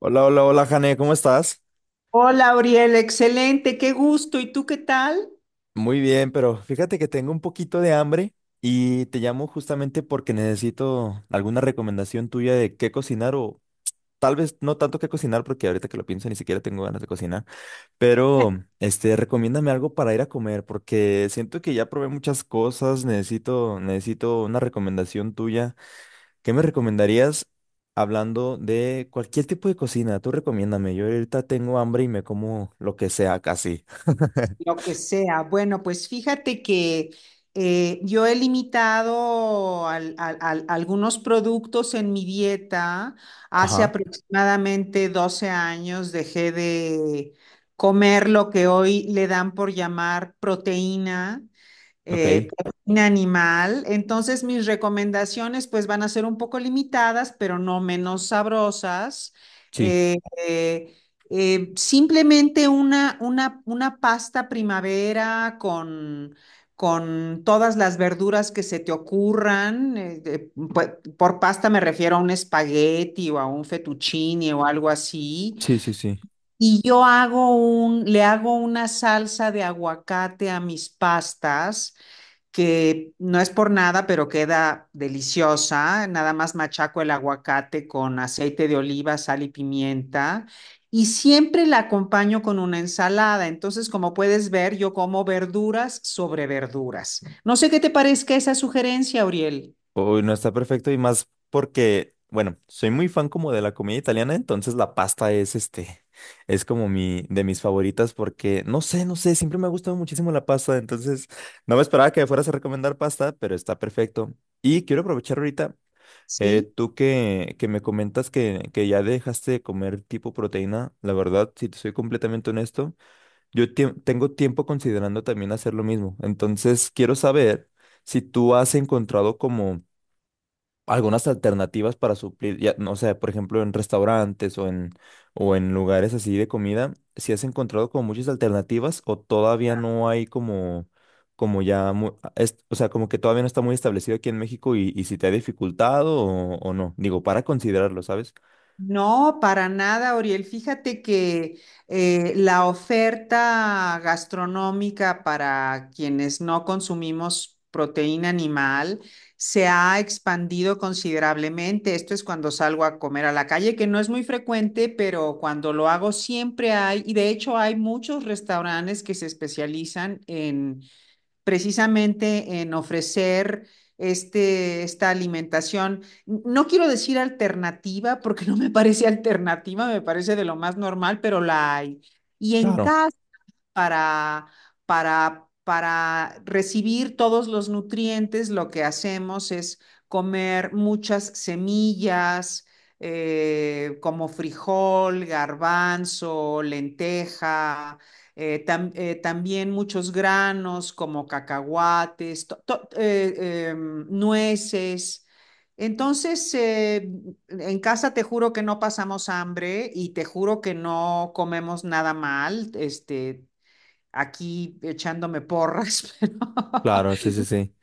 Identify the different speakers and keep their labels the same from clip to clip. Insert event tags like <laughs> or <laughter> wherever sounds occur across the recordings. Speaker 1: Hola, hola, hola, Jane, ¿cómo estás?
Speaker 2: Hola, Auriel, excelente, qué gusto. ¿Y tú qué tal?
Speaker 1: Muy bien, pero fíjate que tengo un poquito de hambre y te llamo justamente porque necesito alguna recomendación tuya de qué cocinar o tal vez no tanto qué cocinar porque ahorita que lo pienso ni siquiera tengo ganas de cocinar, pero recomiéndame algo para ir a comer porque siento que ya probé muchas cosas, necesito una recomendación tuya. ¿Qué me recomendarías hablando de cualquier tipo de cocina? Tú recomiéndame, yo ahorita tengo hambre y me como lo que sea casi. <laughs>
Speaker 2: Lo que sea. Bueno, pues fíjate que yo he limitado algunos productos en mi dieta. Hace
Speaker 1: Ajá,
Speaker 2: aproximadamente 12 años dejé de comer lo que hoy le dan por llamar proteína.
Speaker 1: ok,
Speaker 2: Proteína animal. Entonces, mis recomendaciones pues van a ser un poco limitadas, pero no menos sabrosas.
Speaker 1: sí,
Speaker 2: Eh, eh, Simplemente una pasta primavera con todas las verduras que se te ocurran. Por pasta me refiero a un espagueti o a un fettuccine o algo así.
Speaker 1: sí, sí, sí.
Speaker 2: Y yo hago le hago una salsa de aguacate a mis pastas que no es por nada, pero queda deliciosa. Nada más machaco el aguacate con aceite de oliva, sal y pimienta. Y siempre la acompaño con una ensalada. Entonces, como puedes ver, yo como verduras sobre verduras. No sé qué te parezca esa sugerencia, Auriel.
Speaker 1: Uy, no está perfecto y más porque, bueno, soy muy fan como de la comida italiana, entonces la pasta es es como mi, de mis favoritas porque, no sé, siempre me ha gustado muchísimo la pasta, entonces no me esperaba que me fueras a recomendar pasta, pero está perfecto. Y quiero aprovechar ahorita,
Speaker 2: ¿Sí?
Speaker 1: tú que me comentas que ya dejaste de comer tipo proteína, la verdad, si te soy completamente honesto. Tengo tiempo considerando también hacer lo mismo. Entonces, quiero saber si tú has encontrado como algunas alternativas para suplir, ya, no sé, por ejemplo, en restaurantes o en lugares así de comida, si has encontrado como muchas alternativas o todavía no hay como ya, o sea, como que todavía no está muy establecido aquí en México y si te ha dificultado o no. Digo, para considerarlo, ¿sabes?
Speaker 2: No, para nada, Oriel. Fíjate que la oferta gastronómica para quienes no consumimos proteína animal se ha expandido considerablemente. Esto es cuando salgo a comer a la calle, que no es muy frecuente, pero cuando lo hago siempre hay, y de hecho hay muchos restaurantes que se especializan en precisamente en ofrecer esta alimentación, no quiero decir alternativa, porque <laughs> no me parece alternativa, me parece de lo más normal, pero la hay. Y en
Speaker 1: Claro,
Speaker 2: cada para, para recibir todos los nutrientes, lo que hacemos es comer muchas semillas, como frijol, garbanzo, lenteja, también muchos granos como cacahuates, nueces. Entonces, en casa te juro que no pasamos hambre y te juro que no comemos nada mal. Este, aquí echándome porras, pero
Speaker 1: claro, sí,
Speaker 2: <laughs>
Speaker 1: sí, sí,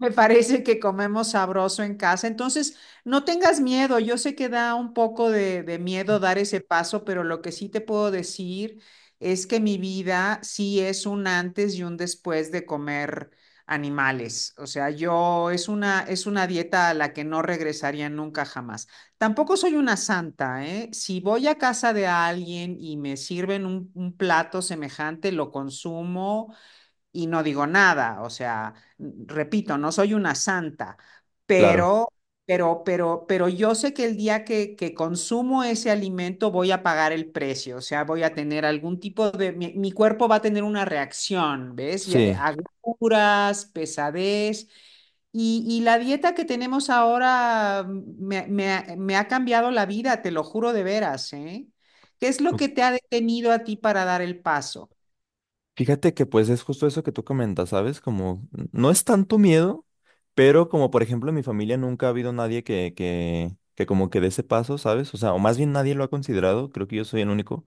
Speaker 2: me parece que comemos sabroso en casa. Entonces, no tengas miedo. Yo sé que da un poco de miedo dar ese paso, pero lo que sí te puedo decir es que mi vida sí es un antes y un después de comer animales. O sea, es una dieta a la que no regresaría nunca jamás. Tampoco soy una santa, ¿eh? Si voy a casa de alguien y me sirven un plato semejante, lo consumo y no digo nada, o sea, repito, no soy una santa,
Speaker 1: claro,
Speaker 2: pero, pero, pero yo sé que el día que consumo ese alimento voy a pagar el precio, o sea, voy a tener algún tipo de, mi cuerpo va a tener una reacción, ¿ves? Ya,
Speaker 1: sí.
Speaker 2: agruras, pesadez. Y la dieta que tenemos ahora me, me ha cambiado la vida, te lo juro de veras, ¿eh? ¿Qué es lo que te ha detenido a ti para dar el paso?
Speaker 1: Fíjate que pues es justo eso que tú comentas, ¿sabes? Como no es tanto miedo, pero como por ejemplo en mi familia nunca ha habido nadie que como que dé ese paso, ¿sabes? O sea, o más bien nadie lo ha considerado, creo que yo soy el único.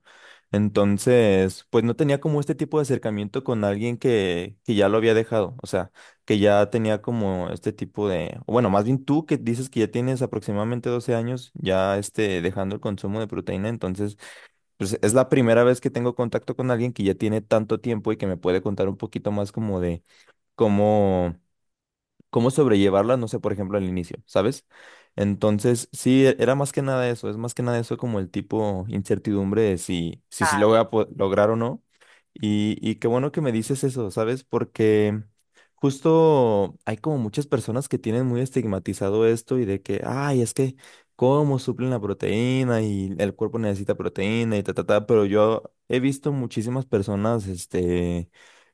Speaker 1: Entonces, pues no tenía como este tipo de acercamiento con alguien que ya lo había dejado, o sea, que ya tenía como este tipo de, o bueno, más bien tú que dices que ya tienes aproximadamente 12 años ya dejando el consumo de proteína, entonces... Pues es la primera vez que tengo contacto con alguien que ya tiene tanto tiempo y que me puede contar un poquito más como de cómo, cómo sobrellevarla, no sé, por ejemplo, al inicio, ¿sabes? Entonces, sí, era más que nada eso, es más que nada eso como el tipo incertidumbre de si sí lo lograr o no. Y qué bueno que me dices eso, ¿sabes? Porque justo hay como muchas personas que tienen muy estigmatizado esto y de que, ay, es que, ¿cómo suplen la proteína? Y el cuerpo necesita proteína y ta, ta, ta, pero yo he visto muchísimas personas, este...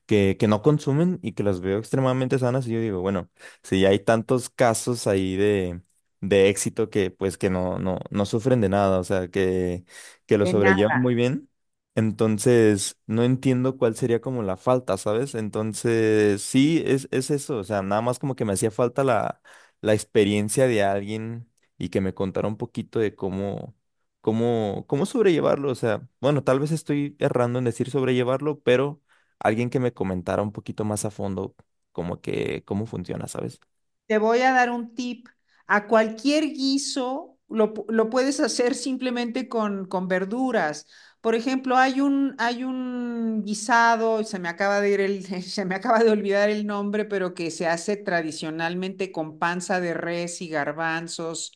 Speaker 1: Que no consumen y que las veo extremadamente sanas y yo digo, bueno, sí, hay tantos casos ahí de éxito que pues que no, no, no sufren de nada, o sea, que lo
Speaker 2: De
Speaker 1: sobrellevan
Speaker 2: nada.
Speaker 1: muy bien. Entonces, no entiendo cuál sería como la falta, ¿sabes? Entonces, sí, es eso, o sea, nada más como que me hacía falta la, la experiencia de alguien y que me contara un poquito de cómo sobrellevarlo, o sea, bueno, tal vez estoy errando en decir sobrellevarlo, pero alguien que me comentara un poquito más a fondo como que cómo funciona, ¿sabes?
Speaker 2: Te voy a dar un tip. A cualquier guiso lo puedes hacer simplemente con verduras. Por ejemplo, hay un guisado, se me acaba de ir el, <laughs> se me acaba de olvidar el nombre, pero que se hace tradicionalmente con panza de res y garbanzos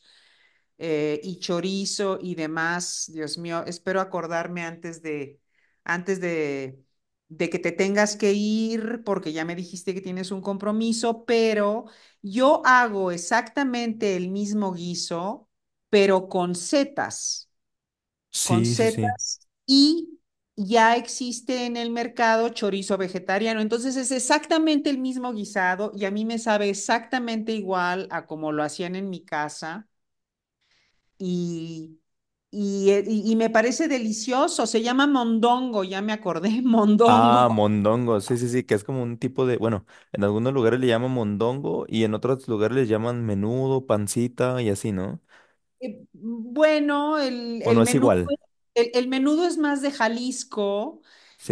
Speaker 2: y chorizo y demás. Dios mío, espero acordarme antes de que te tengas que ir, porque ya me dijiste que tienes un compromiso, pero yo hago exactamente el mismo guiso, pero con
Speaker 1: Sí, sí, sí.
Speaker 2: setas y... Ya existe en el mercado chorizo vegetariano, entonces es exactamente el mismo guisado y a mí me sabe exactamente igual a como lo hacían en mi casa y, y, y me parece delicioso. Se llama mondongo, ya me acordé, <laughs>
Speaker 1: Ah,
Speaker 2: mondongo.
Speaker 1: mondongo, sí, sí, sí, que es como un tipo de, bueno, en algunos lugares le llaman mondongo y en otros lugares le llaman menudo, pancita y así, ¿no?
Speaker 2: Bueno,
Speaker 1: O no es igual,
Speaker 2: el menudo es más de Jalisco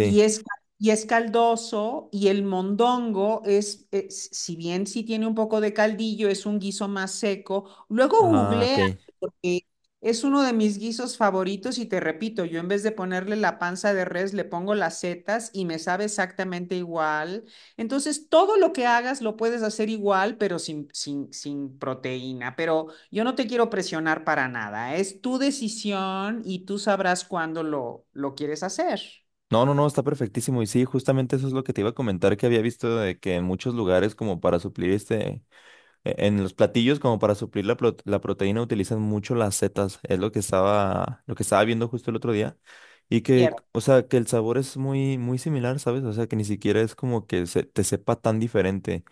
Speaker 2: y es, y es caldoso y el mondongo es- si bien sí tiene un poco de caldillo, es un guiso más seco. Luego
Speaker 1: Ah,
Speaker 2: googleas.
Speaker 1: ok.
Speaker 2: Y es uno de mis guisos favoritos y te repito, yo en vez de ponerle la panza de res, le pongo las setas y me sabe exactamente igual. Entonces, todo lo que hagas lo puedes hacer igual, pero sin, sin, sin proteína. Pero yo no te quiero presionar para nada. Es tu decisión y tú sabrás cuándo lo quieres hacer.
Speaker 1: No, no, no, está perfectísimo. Y sí, justamente eso es lo que te iba a comentar que había visto de que en muchos lugares como para suplir en los platillos, como para suplir la proteína, utilizan mucho las setas. Es lo que estaba viendo justo el otro día. Y que, o sea, que el sabor es muy similar, ¿sabes? O sea, que ni siquiera es como que se, te sepa tan diferente.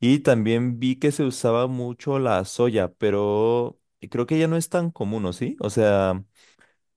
Speaker 1: Y también vi que se usaba mucho la soya, pero creo que ya no es tan común, ¿o sí? O sea,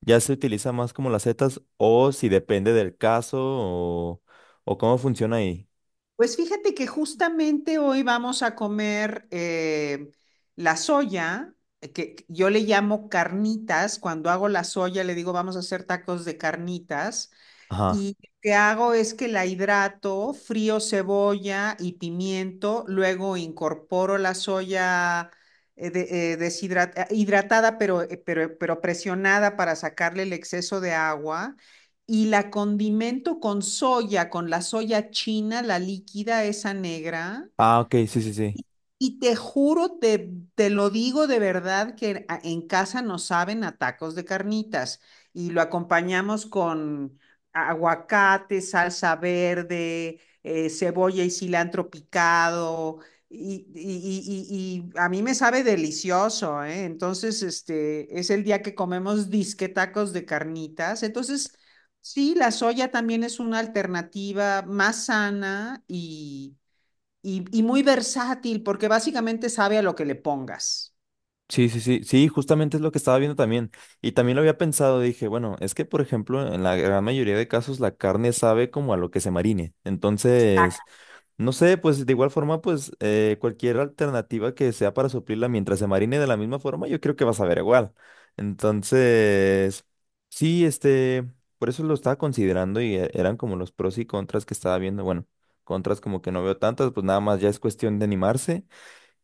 Speaker 1: ya se utiliza más como las setas, o si depende del caso, o cómo funciona ahí.
Speaker 2: Pues fíjate que justamente hoy vamos a comer la soya, que yo le llamo carnitas. Cuando hago la soya, le digo, vamos a hacer tacos de carnitas.
Speaker 1: Ajá.
Speaker 2: Y lo que hago es que la hidrato, frío cebolla y pimiento, luego incorporo la soya hidratada, pero presionada para sacarle el exceso de agua, y la condimento con soya, con la soya china, la líquida, esa negra.
Speaker 1: Ah, ok, sí, sí, sí.
Speaker 2: Y te juro, te lo digo de verdad, que en casa nos saben a tacos de carnitas y lo acompañamos con aguacate, salsa verde, cebolla y cilantro picado. Y, y a mí me sabe delicioso, ¿eh? Entonces, este es el día que comemos disque tacos de carnitas. Entonces, sí, la soya también es una alternativa más sana y muy versátil porque básicamente sabe a lo que le pongas.
Speaker 1: Sí, sí, sí, sí, justamente es lo que estaba viendo también. Y también lo había pensado, dije, bueno, es que por ejemplo, en la gran mayoría de casos la carne sabe como a lo que se marine. Entonces,
Speaker 2: Exacto.
Speaker 1: no sé, pues de igual forma, pues cualquier alternativa que sea para suplirla mientras se marine de la misma forma, yo creo que vas a ver igual. Entonces, sí, por eso lo estaba considerando y eran como los pros y contras que estaba viendo. Bueno, contras como que no veo tantas, pues nada más ya es cuestión de animarse.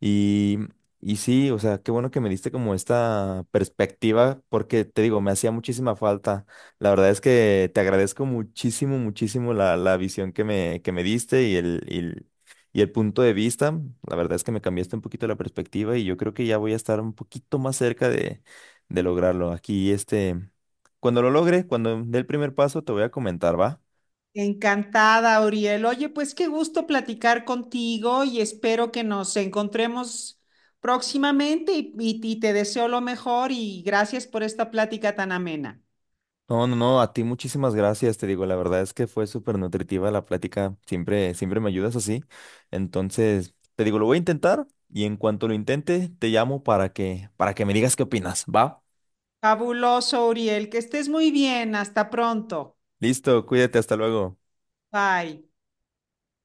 Speaker 1: Y, y sí, o sea, qué bueno que me diste como esta perspectiva, porque te digo, me hacía muchísima falta. La verdad es que te agradezco muchísimo, muchísimo la, la visión que me diste y y el punto de vista. La verdad es que me cambiaste un poquito la perspectiva y yo creo que ya voy a estar un poquito más cerca de lograrlo. Aquí, cuando lo logre, cuando dé el primer paso, te voy a comentar, ¿va?
Speaker 2: Encantada, Uriel. Oye, pues qué gusto platicar contigo y espero que nos encontremos próximamente y, y te deseo lo mejor y gracias por esta plática tan amena.
Speaker 1: No, no, no, a ti muchísimas gracias, te digo, la verdad es que fue súper nutritiva la plática, siempre, siempre me ayudas así. Entonces, te digo, lo voy a intentar y en cuanto lo intente, te llamo para para que me digas qué opinas, ¿va?
Speaker 2: Fabuloso, Uriel. Que estés muy bien. Hasta pronto.
Speaker 1: Listo, cuídate, hasta luego.
Speaker 2: Bye.